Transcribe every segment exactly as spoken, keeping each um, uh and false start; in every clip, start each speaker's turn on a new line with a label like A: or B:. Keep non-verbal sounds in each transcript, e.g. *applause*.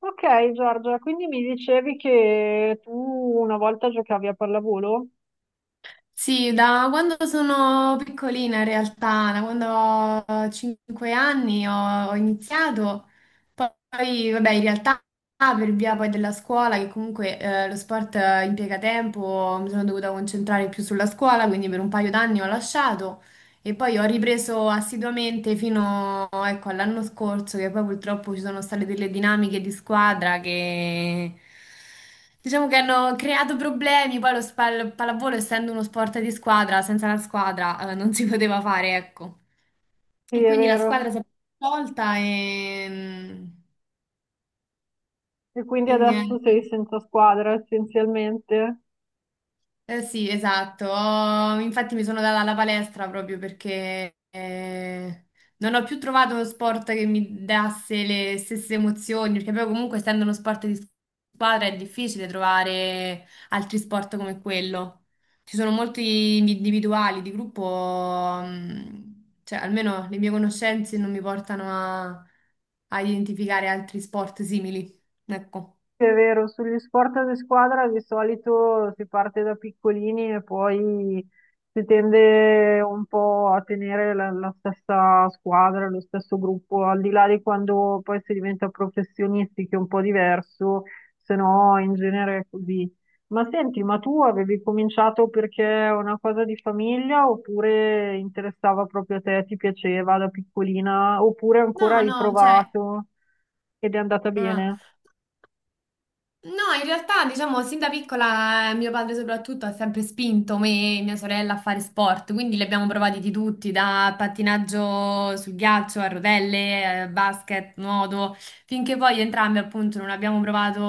A: Ok, Giorgia, quindi mi dicevi che tu una volta giocavi a pallavolo?
B: Sì, da quando sono piccolina in realtà, da quando ho cinque anni ho, ho iniziato, poi vabbè in realtà per via poi della scuola, che comunque eh, lo sport eh, impiega tempo, mi sono dovuta concentrare più sulla scuola, quindi per un paio d'anni ho lasciato, e poi ho ripreso assiduamente fino, ecco, all'anno scorso, che poi purtroppo ci sono state delle dinamiche di squadra che diciamo che hanno creato problemi. Poi lo spa- il pallavolo, essendo uno sport di squadra, senza la squadra, eh, non si *laughs* poteva fare, ecco.
A: Sì,
B: E
A: è
B: quindi la
A: vero.
B: squadra si è tolta e, mm,
A: E quindi
B: e niente.
A: adesso sei senza squadra essenzialmente?
B: Eh sì, esatto. Ho- Infatti mi sono data alla palestra proprio perché eh, non ho più trovato uno sport che mi dasse le stesse emozioni, perché poi comunque essendo uno sport di squadra è difficile trovare altri sport come quello. Ci sono molti individuali, di gruppo, mh, cioè almeno le mie conoscenze non mi portano a, a identificare altri sport simili. Ecco.
A: Sì, è vero, sugli sport di squadra di solito si parte da piccolini e poi si tende un po' a tenere la, la stessa squadra, lo stesso gruppo, al di là di quando poi si diventa professionisti, che è un po' diverso, se no in genere è così. Ma senti, ma tu avevi cominciato perché è una cosa di famiglia oppure interessava proprio a te, ti piaceva da piccolina, oppure ancora
B: No,
A: hai
B: no, cioè,
A: provato ed è andata
B: no, no.
A: bene?
B: No, in realtà, diciamo, sin da piccola eh, mio padre soprattutto ha sempre spinto me e mia sorella a fare sport, quindi li abbiamo provati di tutti, da pattinaggio sul ghiaccio a rotelle, eh, basket, nuoto, finché poi entrambi appunto non abbiamo provato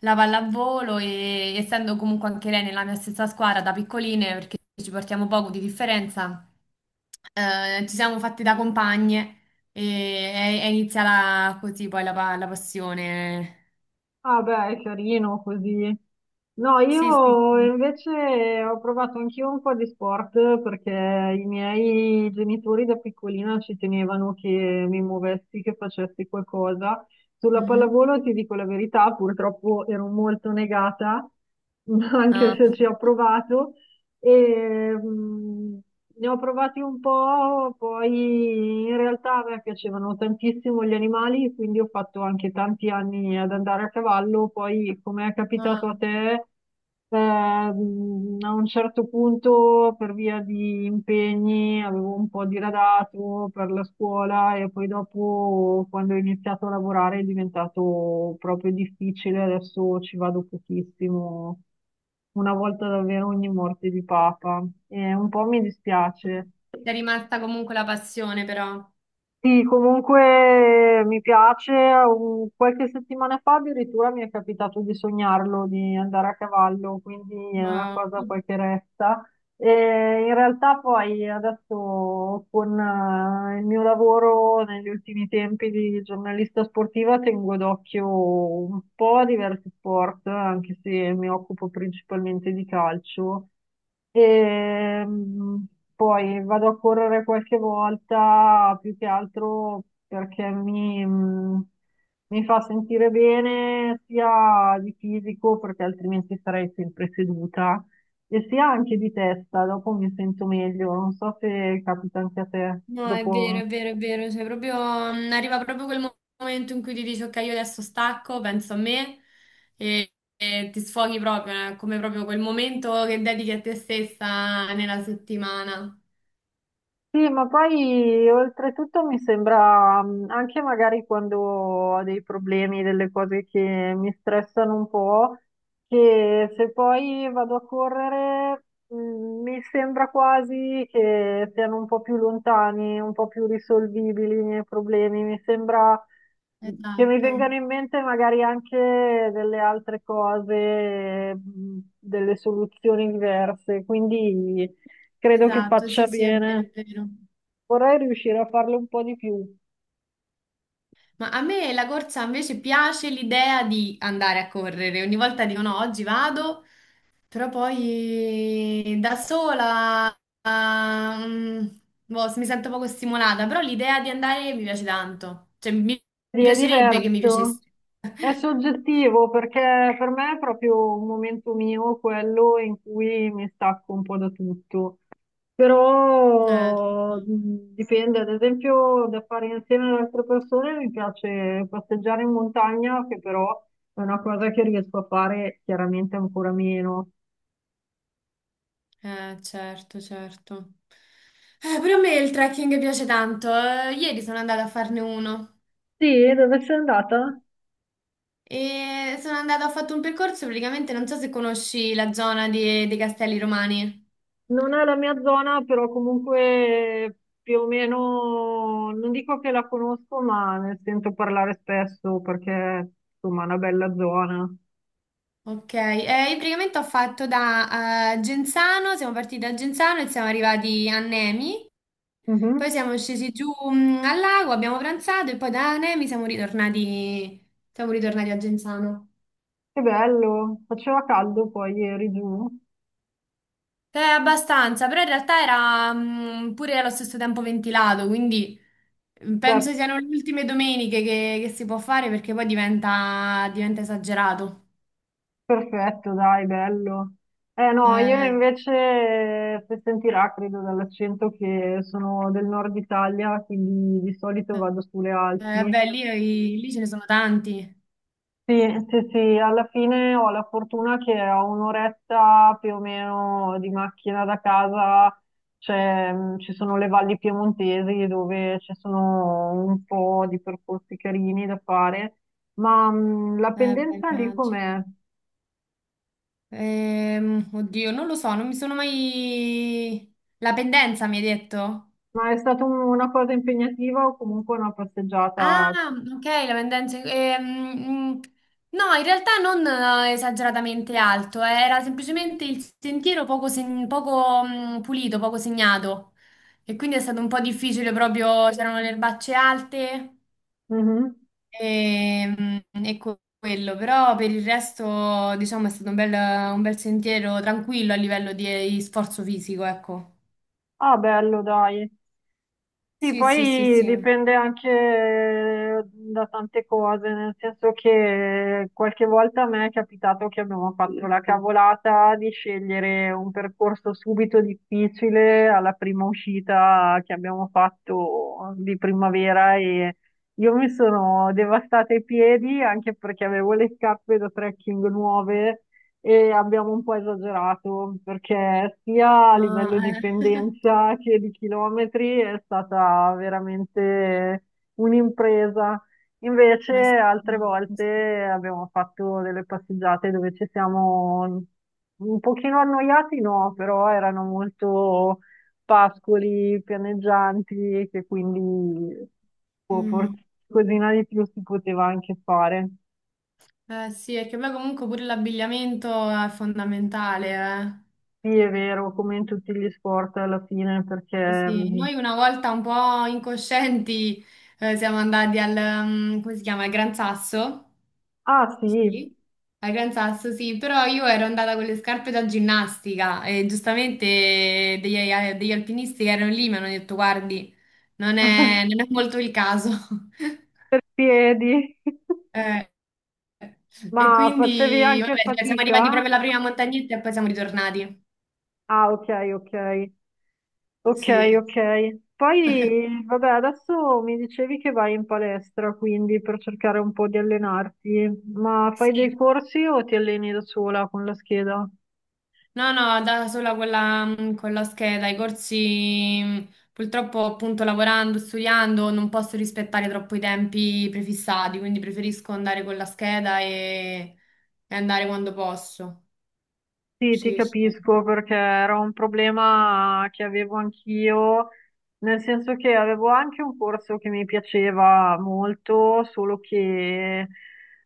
B: la pallavolo e essendo comunque anche lei nella mia stessa squadra da piccoline, perché ci portiamo poco di differenza, eh, ci siamo fatti da compagne e è, è iniziata così poi la, pa- la passione.
A: Ah beh, è carino così. No,
B: Sì, sì,
A: io
B: sì.
A: invece ho provato anch'io un po' di sport perché i miei genitori da piccolina ci tenevano che mi muovessi, che facessi qualcosa. Sulla
B: Mhm.
A: pallavolo, ti dico la verità, purtroppo ero molto negata, *laughs* anche
B: Ah,
A: se ci ho provato. E, mh, ne ho provati un po'. Poi in realtà a me piacevano tantissimo gli animali, quindi ho fatto anche tanti anni ad andare a cavallo. Poi, come è
B: ah.
A: capitato a te, ehm, a un certo punto, per via di impegni, avevo un po' diradato per la scuola e poi dopo, quando ho iniziato a lavorare, è diventato proprio difficile. Adesso ci vado pochissimo, una volta davvero ogni morte di papa, e un po' mi dispiace.
B: Ti è rimasta comunque la passione, però.
A: Sì, comunque mi piace. Un- Qualche settimana fa addirittura mi è capitato di sognarlo, di andare a cavallo, quindi è una
B: Wow.
A: cosa poi che resta. E in realtà poi adesso con eh, il mio lavoro negli ultimi tempi di giornalista sportiva tengo d'occhio un po' diversi sport, anche se mi occupo principalmente di calcio. E mm, poi vado a correre qualche volta, più che altro perché mi, mm, mi fa sentire bene sia di fisico, perché altrimenti sarei sempre seduta, e sì, anche di testa, dopo mi sento meglio, non so se capita anche a te,
B: No, è
A: dopo.
B: vero, è vero, è vero. Cioè, proprio, mm, arriva proprio quel mo- momento in cui ti dici, ok, io adesso stacco, penso a me e, e ti sfoghi proprio, eh, come proprio quel momento che dedichi a te stessa nella settimana.
A: Sì, ma poi oltretutto mi sembra, mh, anche magari quando ho dei problemi, delle cose che mi stressano un po', che se poi vado a correre, mh, mi sembra quasi che siano un po' più lontani, un po' più risolvibili i miei problemi. Mi sembra, mm, che mi
B: Esatto,
A: vengano in mente magari anche delle altre cose, mh, delle soluzioni diverse. Quindi credo che
B: esatto,
A: faccia
B: sì, sì, è vero,
A: bene.
B: è vero.
A: Vorrei riuscire a farlo un po' di più.
B: Ma a me la corsa invece piace l'idea di andare a correre. Ogni volta dico, no, oggi vado. Però poi da sola, ah, mm, boh, mi sento poco stimolata, però l'idea di andare mi piace tanto, cioè mi
A: Sì,
B: mi
A: è
B: piacerebbe che mi piacesse.
A: diverso, è
B: *laughs*
A: soggettivo perché per me è proprio un momento mio quello in cui mi stacco un po' da tutto.
B: Eh,
A: Però mh, dipende, ad esempio, da fare insieme ad altre persone mi piace passeggiare in montagna, che però è una cosa che riesco a fare chiaramente ancora meno.
B: eh, certo, certo. Eh, pure a me il trekking piace tanto. Eh, Ieri sono andata a farne uno
A: Sì, dove sei andata?
B: e sono andata, ho fatto un percorso praticamente, non so se conosci la zona di- dei Castelli Romani.
A: Non è la mia zona, però comunque più o meno, non dico che la conosco, ma ne sento parlare spesso perché insomma è una bella zona.
B: Ok, eh, io praticamente ho fatto da eh, Genzano, siamo partiti da Genzano e siamo arrivati a Nemi, poi
A: Mhm.
B: siamo scesi giù mm, al lago, abbiamo pranzato e poi da Nemi siamo ritornati, siamo ritornati a Genzano.
A: Che bello, faceva caldo poi ieri giù.
B: È abbastanza, però in realtà era mm, pure allo stesso tempo ventilato, quindi mm,
A: Beh,
B: penso siano le ultime domeniche che, che si può fare perché poi diventa, diventa esagerato.
A: perfetto, dai, bello. Eh no, io
B: Eh,
A: invece, se sentirà, credo dall'accento che sono del nord Italia, quindi di solito vado sulle
B: eh,
A: Alpi.
B: beh, lì, lì ce ne sono tanti.
A: Sì, sì, sì, alla fine ho la fortuna che a un'oretta più o meno di macchina da casa c'è, mh, ci sono le valli piemontesi dove ci sono un po' di percorsi carini da fare, ma mh, la
B: Eh, beh,
A: pendenza lì
B: immagino.
A: com'è?
B: Ehm, oddio, non lo so, non mi sono mai... La pendenza mi hai detto?
A: Ma è stata un- una cosa impegnativa o comunque una
B: Ah,
A: passeggiata?
B: ok, la pendenza. ehm, mm, no, in realtà non eh, esageratamente alto, eh, era semplicemente il sentiero poco, seg- poco, mm, pulito, poco segnato. E quindi è stato un po' difficile proprio, c'erano le erbacce alte.
A: Mhm.
B: Ehm, ecco quello, però per il resto, diciamo, è stato un bel, un bel sentiero tranquillo a livello di, eh, di sforzo fisico, ecco.
A: Ah, bello, dai. Sì,
B: Sì, sì, sì,
A: poi
B: sì.
A: dipende anche da tante cose, nel senso che qualche volta a me è capitato che abbiamo fatto la cavolata di scegliere un percorso subito difficile alla prima uscita che abbiamo fatto di primavera, e io mi sono devastata i piedi anche perché avevo le scarpe da trekking nuove e abbiamo un po' esagerato perché sia a livello
B: Ah,
A: di
B: eh.
A: pendenza che di chilometri è stata veramente un'impresa.
B: *laughs*
A: Invece
B: Eh, sì,
A: altre
B: no, eh sì.
A: volte abbiamo fatto delle passeggiate dove ci siamo un pochino annoiati, no, però erano molto pascoli pianeggianti, che quindi boh,
B: Mm.
A: forse qualcosina di più si poteva anche fare.
B: Eh, sì, perché poi comunque pure l'abbigliamento è fondamentale.
A: Sì, è vero, come in tutti gli sport alla fine,
B: eh. Sì,
A: perché...
B: sì.
A: mm,
B: Noi una volta un po' incoscienti eh, siamo andati al, mm, come si chiama, al Gran Sasso.
A: Ah sì,
B: Sì. Al Gran Sasso, sì, però io ero andata con le scarpe da ginnastica e giustamente degli, degli alpinisti che erano lì mi hanno detto, guardi, non è,
A: *laughs*
B: non è molto il caso. *laughs*
A: piedi. *laughs*
B: Eh, e
A: Ma facevi
B: quindi,
A: anche
B: vabbè, cioè, siamo arrivati proprio
A: fatica?
B: alla prima montagnetta e poi siamo ritornati.
A: Ah, ok, ok. Ok,
B: Sì,
A: ok. Poi, vabbè, adesso mi dicevi che vai in palestra, quindi per cercare un po' di allenarti, ma fai dei
B: sì.
A: corsi o ti alleni da sola con la scheda?
B: No, no, da sola con la, con la scheda, i corsi, mh, purtroppo appunto lavorando, studiando, non posso rispettare troppo i tempi prefissati, quindi preferisco andare con la scheda e, e andare quando posso.
A: Sì, ti
B: Sì, sì.
A: capisco perché era un problema che avevo anch'io, nel senso che avevo anche un corso che mi piaceva molto, solo che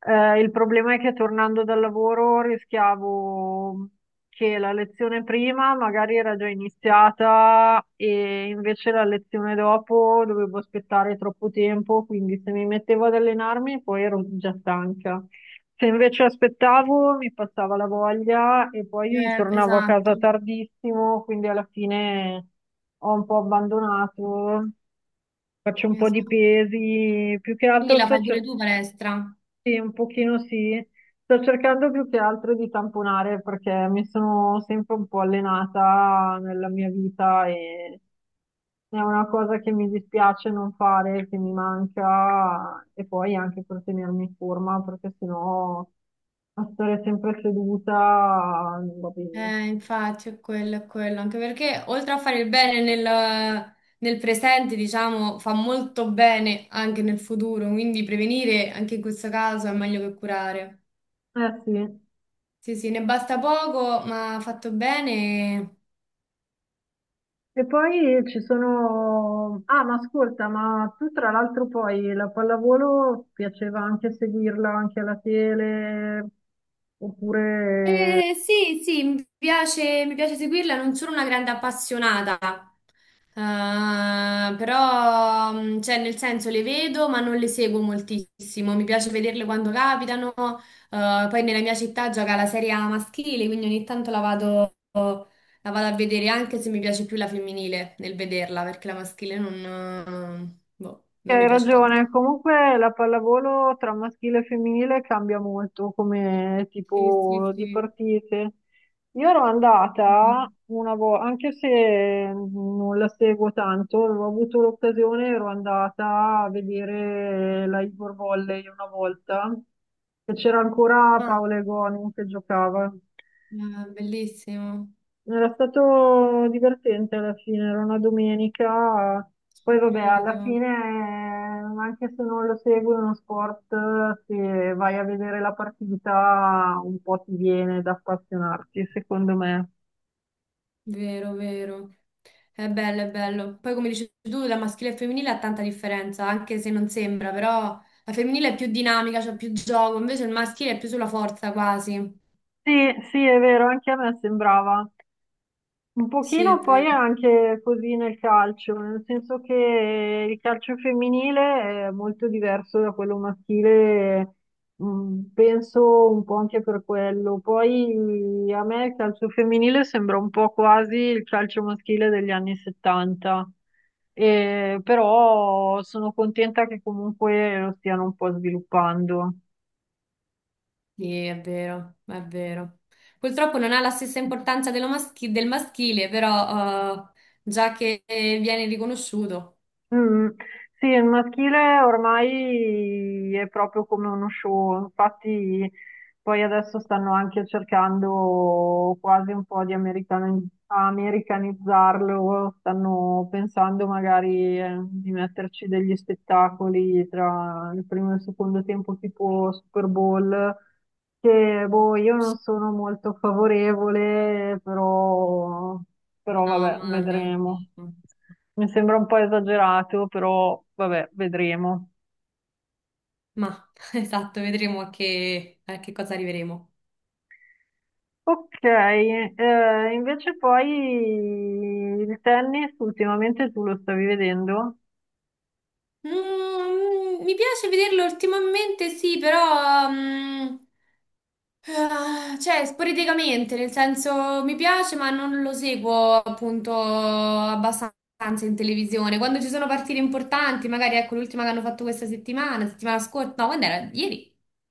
A: eh, il problema è che tornando dal lavoro rischiavo che la lezione prima magari era già iniziata e invece la lezione dopo dovevo aspettare troppo tempo, quindi se mi mettevo ad allenarmi poi ero già stanca. Se invece aspettavo mi passava la voglia e poi
B: Eh,
A: tornavo a
B: esatto,
A: casa tardissimo, quindi alla fine ho un po' abbandonato, faccio un po' di
B: esatto.
A: pesi, più che
B: Quindi
A: altro
B: la
A: sto
B: fai pure
A: cercando,
B: tu palestra?
A: un pochino sì, sto cercando più che altro di tamponare perché mi sono sempre un po' allenata nella mia vita e è una cosa che mi dispiace non fare, che mi manca e poi anche per tenermi in forma, perché sennò a stare sempre seduta non va bene.
B: Eh, infatti è quello, è quello, anche perché oltre a fare il bene nel, nel presente, diciamo, fa molto bene anche nel futuro, quindi prevenire anche in questo caso è meglio che curare.
A: Eh sì.
B: Sì, sì, ne basta poco, ma fatto bene.
A: E poi ci sono... Ah, ma ascolta, ma tu tra l'altro poi la pallavolo piaceva anche seguirla anche alla tele, oppure...
B: Eh, sì, sì, mi piace, mi piace seguirla, non sono una grande appassionata. Eh, però, mm, cioè, nel senso, le vedo ma non le seguo moltissimo, mi piace vederle quando capitano. Eh, poi nella mia città gioca la Serie A maschile, quindi ogni tanto la vado, la vado, a vedere, anche se mi piace più la femminile nel vederla, perché la maschile non, boh, non
A: Hai
B: mi piace tanto.
A: ragione, comunque la pallavolo tra maschile e femminile cambia molto come
B: Sì, sì,
A: tipo di
B: sì.
A: partite. Io ero andata una volta, anche se non la seguo tanto, avevo avuto l'occasione, ero andata a vedere la Ivor Volley una volta, e c'era ancora
B: Ah,
A: Paola Egonu che giocava.
B: eh, bellissimo,
A: Era stato divertente alla fine, era una domenica, poi vabbè, alla
B: credo.
A: fine, eh, anche se non lo segui uno sport, se vai a vedere la partita, un po' ti viene da appassionarti, secondo me.
B: Vero, vero. È bello, è bello. Poi come dici tu, la maschile e femminile ha tanta differenza, anche se non sembra, però la femminile è più dinamica, c'è più gioco, invece il maschile è più sulla forza quasi.
A: Sì, sì, è vero, anche a me sembrava. Un
B: Sì, è
A: pochino poi
B: vero.
A: è anche così nel calcio, nel senso che il calcio femminile è molto diverso da quello maschile, mh, penso un po' anche per quello. Poi a me il calcio femminile sembra un po' quasi il calcio maschile degli anni settanta. E però sono contenta che comunque lo stiano un po' sviluppando.
B: Sì, è vero, è vero. Purtroppo non ha la stessa importanza dello maschi- del maschile, però eh, già che viene riconosciuto.
A: Mm. Sì, il maschile ormai è proprio come uno show, infatti poi adesso stanno anche cercando quasi un po' di americani- americanizzarlo, stanno pensando magari eh, di metterci degli spettacoli tra il primo e il secondo tempo tipo Super Bowl, che boh, io non sono molto favorevole, però, però
B: No,
A: vabbè,
B: ma neanche
A: vedremo.
B: io.
A: Mi sembra un po' esagerato, però vabbè, vedremo.
B: Ma *laughs* esatto, vedremo a che, a che, cosa arriveremo.
A: Ok, eh, invece poi il tennis ultimamente tu lo stavi vedendo?
B: Mm, mi piace vederlo ultimamente, sì, però mm, ah, cioè sporadicamente, nel senso mi piace, ma non lo seguo appunto abbastanza in televisione. Quando ci sono partite importanti, magari ecco l'ultima che hanno fatto questa settimana, settimana scorsa, no, quando era? Ieri.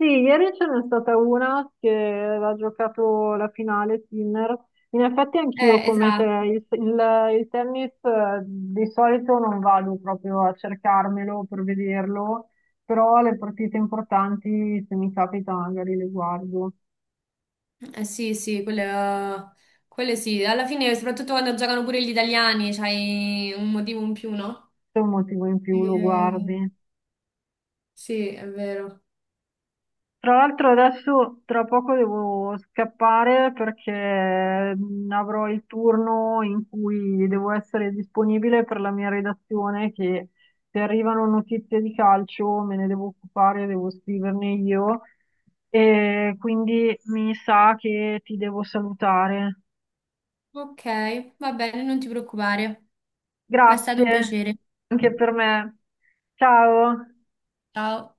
A: Sì, ieri ce n'è stata una che aveva giocato la finale, Sinner. In effetti anch'io
B: Eh,
A: come te,
B: esatto.
A: il, il- il tennis eh, di solito non vado proprio a cercarmelo per vederlo, però le partite importanti se mi capita magari le guardo,
B: Eh, sì, sì, quelle, quelle sì. Alla fine, soprattutto quando giocano pure gli italiani, c'hai un motivo in più, no?
A: se è un motivo in più lo
B: Eh,
A: guardi.
B: sì, è vero.
A: Tra l'altro adesso tra poco devo scappare perché mm, avrò il turno in cui devo essere disponibile per la mia redazione, che se arrivano notizie di calcio me ne devo occupare, devo scriverne io e quindi mi sa che ti devo salutare.
B: Ok, va bene, non ti preoccupare. Ma è stato un
A: Grazie
B: piacere.
A: anche per me. Ciao.
B: Ciao.